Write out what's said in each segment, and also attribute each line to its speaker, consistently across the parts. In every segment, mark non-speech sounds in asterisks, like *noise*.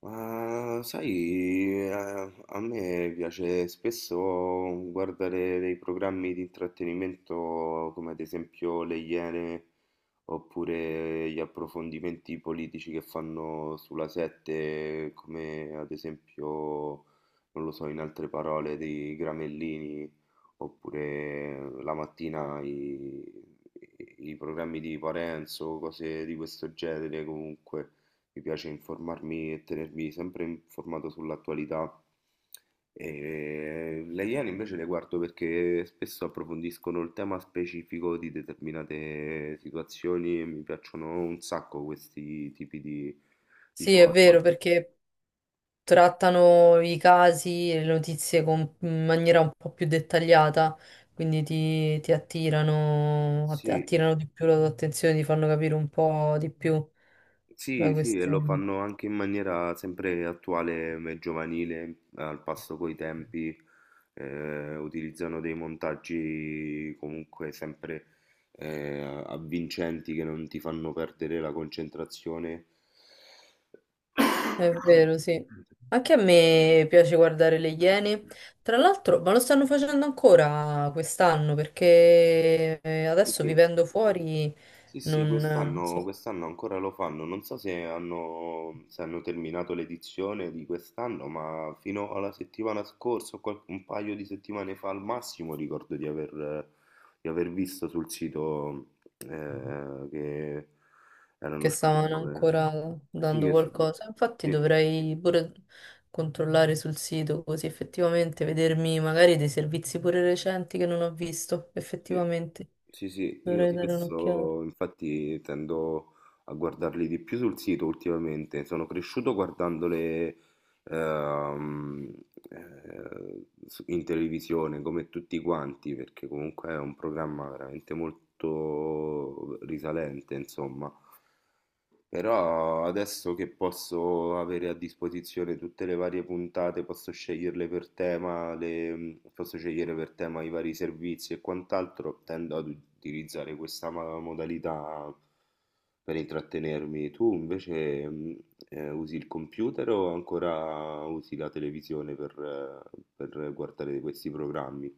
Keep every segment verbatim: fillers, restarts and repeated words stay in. Speaker 1: Ma sai, eh, a me piace spesso guardare dei programmi di intrattenimento come ad esempio Le Iene, oppure gli approfondimenti politici che fanno sulla sette, come ad esempio, non lo so, in altre parole, dei Gramellini, oppure la mattina i, i programmi di Parenzo, cose di questo genere comunque. Mi piace informarmi e tenermi sempre informato sull'attualità. E le Iene invece le guardo perché spesso approfondiscono il tema specifico di determinate situazioni e mi piacciono un sacco questi tipi di, di
Speaker 2: Sì, è
Speaker 1: format.
Speaker 2: vero, perché trattano i casi e le notizie con- in maniera un po' più dettagliata, quindi ti, ti attirano, att-
Speaker 1: Sì,
Speaker 2: attirano di più la tua attenzione, ti fanno capire un po' di più la
Speaker 1: sì, sì, e lo
Speaker 2: questione.
Speaker 1: fanno anche in maniera sempre attuale e giovanile, al passo coi tempi, eh, utilizzano dei montaggi comunque sempre eh, avvincenti che non ti fanno perdere la concentrazione.
Speaker 2: È vero, sì.
Speaker 1: *coughs*
Speaker 2: Anche a me piace guardare le Iene. Tra l'altro, ma lo stanno facendo ancora quest'anno, perché eh,
Speaker 1: Sì,
Speaker 2: adesso
Speaker 1: sì.
Speaker 2: vivendo fuori
Speaker 1: Sì, sì,
Speaker 2: non, non
Speaker 1: quest'anno
Speaker 2: so.
Speaker 1: quest'anno ancora lo fanno, non so se hanno, se hanno terminato l'edizione di quest'anno, ma fino alla settimana scorsa, o qual- un paio di settimane fa al massimo, ricordo di aver, di aver visto sul sito eh, che erano
Speaker 2: Che
Speaker 1: uscite
Speaker 2: stavano
Speaker 1: nuove.
Speaker 2: ancora
Speaker 1: Sì,
Speaker 2: dando
Speaker 1: che,
Speaker 2: qualcosa. Infatti
Speaker 1: sì,
Speaker 2: dovrei pure controllare sul sito così effettivamente vedermi magari dei servizi pure recenti che non ho visto.
Speaker 1: sì,
Speaker 2: Effettivamente
Speaker 1: sì, sì, io
Speaker 2: dovrei dare un'occhiata.
Speaker 1: spesso infatti tendo a guardarli di più sul sito ultimamente, sono cresciuto guardandole ehm, eh, su- in televisione come tutti quanti, perché comunque è un programma veramente molto risalente, insomma. Però adesso che posso avere a disposizione tutte le varie puntate, posso sceglierle per tema, le- mm, posso scegliere per tema i vari servizi e quant'altro, tendo ad utilizzare questa ma- modalità per intrattenermi. Tu invece mm, eh, usi il computer o ancora usi la televisione per, eh, per guardare questi programmi?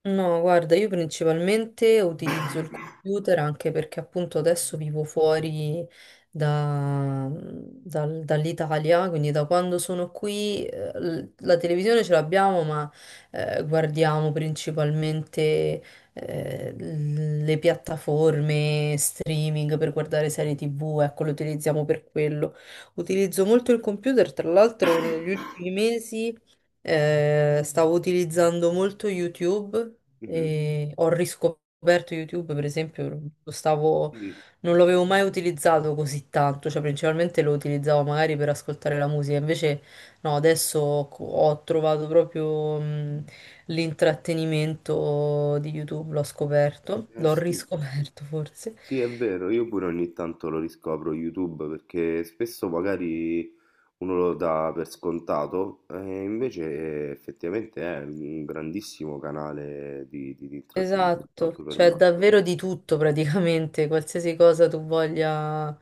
Speaker 2: No, guarda, io principalmente utilizzo il computer anche perché appunto adesso vivo fuori da- mhmm, dal- dall'Italia, quindi da quando sono qui eh, l- la televisione ce l'abbiamo, ma eh, guardiamo principalmente eh, l- le piattaforme streaming per guardare serie tivù, ecco, lo utilizziamo per quello. Utilizzo molto il computer, tra l'altro negli ultimi mesi. Eh, stavo utilizzando molto YouTube
Speaker 1: Mhm.
Speaker 2: e ho riscoperto YouTube, per esempio, lo stavo,
Speaker 1: Sì,
Speaker 2: non l'avevo mai utilizzato così tanto, cioè principalmente lo utilizzavo magari per ascoltare la musica, invece no, adesso co- ho trovato proprio mh, l'intrattenimento di YouTube, l'ho scoperto,
Speaker 1: eh
Speaker 2: l'ho
Speaker 1: sì.
Speaker 2: riscoperto forse.
Speaker 1: Sì, è vero, io pure ogni tanto lo riscopro YouTube perché spesso magari uno lo dà per scontato e invece effettivamente è un grandissimo canale di, di- di intrattenimento
Speaker 2: Esatto,
Speaker 1: anche per
Speaker 2: cioè
Speaker 1: me.
Speaker 2: davvero di tutto praticamente, qualsiasi cosa tu voglia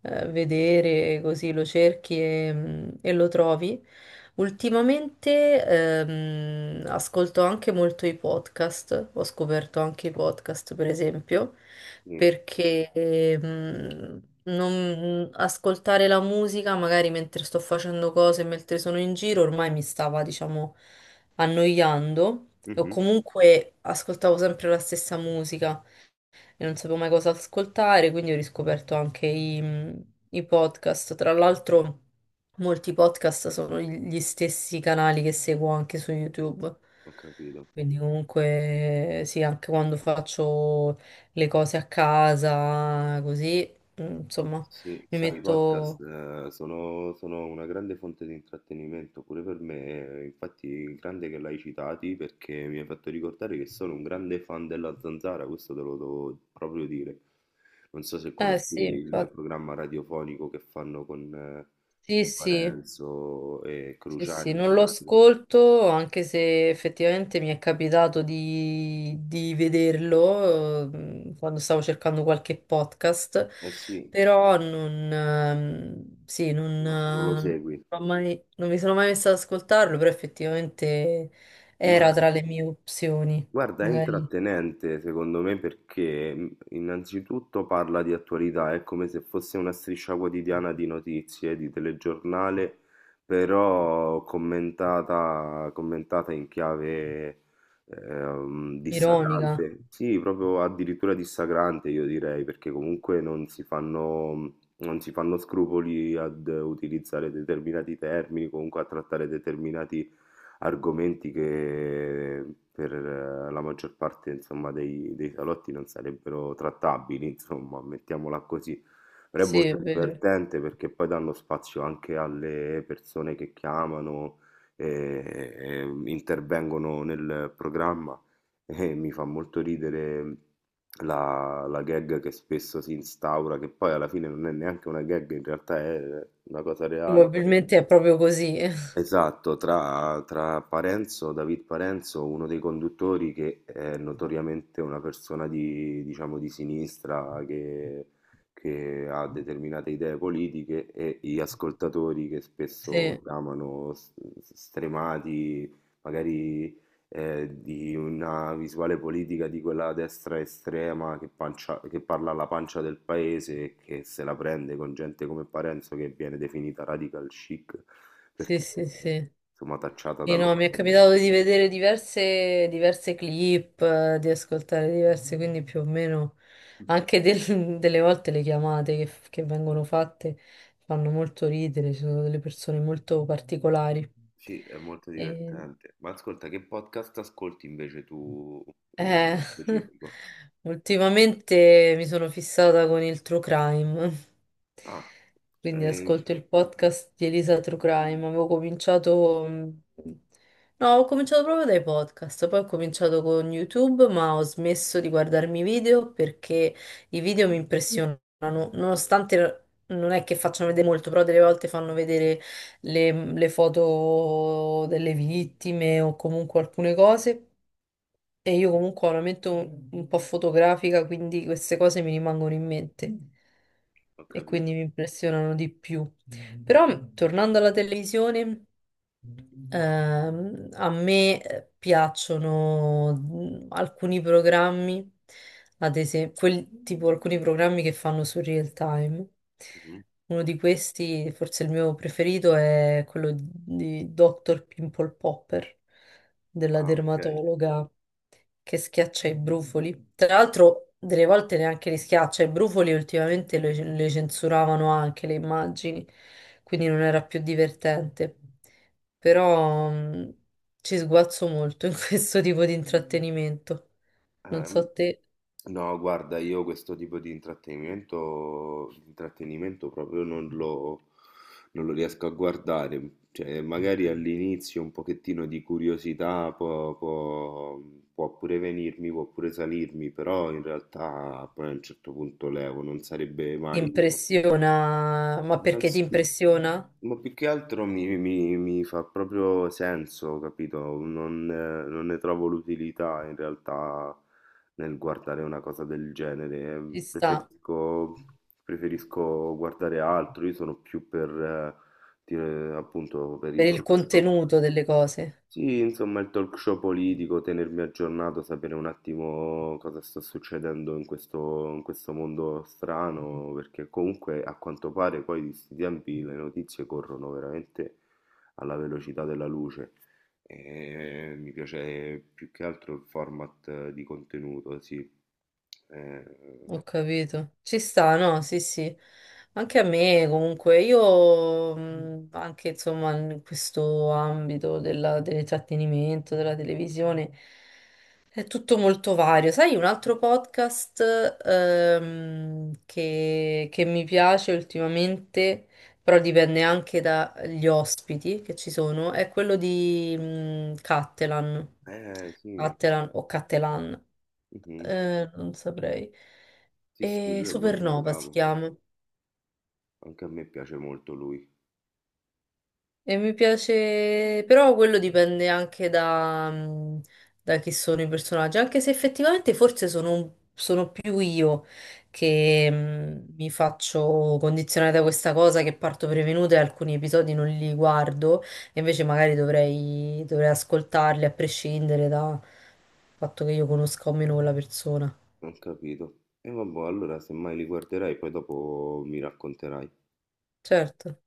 Speaker 2: eh, vedere, così lo cerchi e, mm, e lo trovi. Ultimamente ehm, ascolto anche molto i podcast, ho scoperto anche i podcast per esempio,
Speaker 1: Sì.
Speaker 2: perché ehm, non- mm, ascoltare la musica magari mentre sto facendo cose, mentre sono in giro, ormai mi stava, diciamo, annoiando o
Speaker 1: Mhm.
Speaker 2: comunque ascoltavo sempre la stessa musica e non sapevo mai cosa ascoltare, quindi ho riscoperto anche i, i podcast. Tra l'altro, molti podcast sono gli stessi canali che seguo anche su YouTube.
Speaker 1: Ho capito.
Speaker 2: Quindi comunque sì, anche quando faccio le cose a casa, così, mm, insomma,
Speaker 1: Sì,
Speaker 2: mi
Speaker 1: sai, i podcast
Speaker 2: metto.
Speaker 1: eh, sono, sono una grande fonte di intrattenimento pure per me, eh, infatti grande che l'hai citati perché mi hai fatto ricordare che sono un grande fan della Zanzara, questo te lo devo proprio dire. Non so se
Speaker 2: Eh
Speaker 1: conosci
Speaker 2: sì,
Speaker 1: il
Speaker 2: infatti,
Speaker 1: programma radiofonico che fanno con, eh,
Speaker 2: sì,
Speaker 1: con
Speaker 2: sì.
Speaker 1: Parenzo e
Speaker 2: Sì, sì,
Speaker 1: Cruciani.
Speaker 2: non lo ascolto, anche se effettivamente mi è capitato di, di vederlo, ehm, quando stavo cercando qualche podcast,
Speaker 1: Eh sì,
Speaker 2: però non, ehm, sì, non,
Speaker 1: no, non lo
Speaker 2: eh,
Speaker 1: segui,
Speaker 2: non ho mai- non mi sono mai messa ad ascoltarlo, però effettivamente
Speaker 1: ma
Speaker 2: era tra le mie opzioni,
Speaker 1: guarda, è
Speaker 2: magari
Speaker 1: intrattenente secondo me perché mh, innanzitutto parla di attualità, è come se fosse una striscia quotidiana di notizie, di telegiornale, però commentata, commentata in chiave ehm,
Speaker 2: ironica.
Speaker 1: dissacrante, sì, proprio addirittura dissacrante io direi, perché comunque non si fanno, mm, non si fanno scrupoli ad utilizzare determinati termini, comunque a trattare determinati argomenti che per eh, la maggior parte, insomma, dei, dei salotti non sarebbero trattabili, insomma, mettiamola così. Però è
Speaker 2: Sì,
Speaker 1: molto
Speaker 2: è vero.
Speaker 1: divertente perché poi danno spazio anche alle persone che chiamano e, e intervengono nel programma e mi fa molto ridere la, la gag che spesso si instaura, che poi alla fine non è neanche una gag, in realtà è una cosa reale.
Speaker 2: Probabilmente è proprio così.
Speaker 1: Esatto, tra, tra Parenzo, David Parenzo, uno dei conduttori che è notoriamente una persona di, diciamo, di sinistra che, che ha determinate idee politiche e gli ascoltatori che spesso
Speaker 2: *laughs*
Speaker 1: chiamano s- s- stremati, magari eh, di una visuale politica di quella destra estrema che, pancia- che parla alla pancia del paese e che se la prende con gente come Parenzo che viene definita radical chic
Speaker 2: Sì,
Speaker 1: perché
Speaker 2: sì, sì,
Speaker 1: eh,
Speaker 2: sì.
Speaker 1: insomma tacciata
Speaker 2: Sì, no, mi è
Speaker 1: dall'ordine.
Speaker 2: capitato di vedere diverse, diverse clip, eh, di ascoltare diverse, quindi più o meno
Speaker 1: Mhm.
Speaker 2: anche del- *laughs* delle volte le chiamate che, che vengono fatte fanno molto ridere, ci sono delle persone molto particolari.
Speaker 1: Sì, è molto divertente. Ma ascolta, che podcast ascolti invece tu in-
Speaker 2: Eh,
Speaker 1: nello
Speaker 2: *laughs*
Speaker 1: specifico?
Speaker 2: Ultimamente mi sono fissata con il true crime,
Speaker 1: Ah,
Speaker 2: quindi
Speaker 1: eh,
Speaker 2: ascolto il podcast di Elisa True Crime. Avevo cominciato, no, ho cominciato proprio dai podcast, poi ho cominciato con YouTube, ma ho smesso di guardarmi i video perché i video mi impressionano, nonostante non è che facciano vedere molto, però delle volte fanno vedere le, le foto delle vittime o comunque alcune cose. E io comunque ho una mente un, un po' fotografica, quindi queste cose mi rimangono in mente
Speaker 1: ho
Speaker 2: e quindi
Speaker 1: capito.
Speaker 2: mi impressionano di più. Però, tornando alla televisione. Ehm, a me eh, piacciono mm, alcuni programmi, ad esempio, quel, tipo alcuni programmi che fanno su real time.
Speaker 1: Mhm.
Speaker 2: Uno di questi, forse il mio preferito, è quello di dottor Pimple Popper, della
Speaker 1: Ah, ok.
Speaker 2: dermatologa che schiaccia i brufoli. Tra l'altro, delle volte neanche li schiaccia, i brufoli ultimamente le, le censuravano anche le immagini, quindi non era più divertente, però mm, ci sguazzo molto in *laughs* questo tipo di intrattenimento. Non
Speaker 1: Ehm,
Speaker 2: so te,
Speaker 1: no, guarda, io questo tipo di intrattenimento, di intrattenimento proprio non lo, non lo riesco a guardare. Cioè, magari all'inizio un pochettino di curiosità può, può- può pure venirmi, può pure salirmi, però in realtà poi a un certo punto levo, non sarebbe
Speaker 2: ti
Speaker 1: mai...
Speaker 2: impressiona, ma perché ti impressiona?
Speaker 1: Ma più che altro mi, mi- mi fa proprio senso, capito? Non, eh, non ne trovo l'utilità in realtà nel guardare una cosa del genere.
Speaker 2: Ci sta,
Speaker 1: Preferisco, preferisco guardare altro, io sono più per, eh, dire, appunto, per i
Speaker 2: per il
Speaker 1: talk show.
Speaker 2: contenuto delle cose.
Speaker 1: Sì, insomma, il talk show politico, tenermi aggiornato, sapere un attimo cosa sta succedendo in questo, in questo mondo strano, perché comunque a quanto pare poi di questi tempi le notizie corrono veramente alla velocità della luce e mi piace più che altro il format eh, di contenuto, sì. Eh,
Speaker 2: Ho capito. Ci sta, no? Sì, sì. Anche a me, comunque, io mh, anche insomma in questo ambito della- dell'intrattenimento, della televisione, è tutto molto vario. Sai, un altro podcast, ehm, che, che mi piace ultimamente, però dipende anche dagli ospiti che ci sono, è quello di mh, Cattelan,
Speaker 1: eh, sì,
Speaker 2: Cattelan o Cattelan.
Speaker 1: mhm.
Speaker 2: Eh, non saprei.
Speaker 1: Sì, sì,
Speaker 2: E
Speaker 1: lui è molto
Speaker 2: Supernova si
Speaker 1: bravo,
Speaker 2: chiama.
Speaker 1: anche a me piace molto lui.
Speaker 2: E mi piace, però quello dipende anche da, mh, da chi sono i personaggi, anche se effettivamente forse sono, un- sono più io che mh, mi faccio condizionare da questa cosa, che parto prevenuta e alcuni episodi non li guardo, e invece magari dovrei, dovrei ascoltarli a prescindere dal fatto che io conosca o meno quella persona.
Speaker 1: Ho capito. E vabbò, allora semmai li guarderai poi dopo mi racconterai.
Speaker 2: Certo.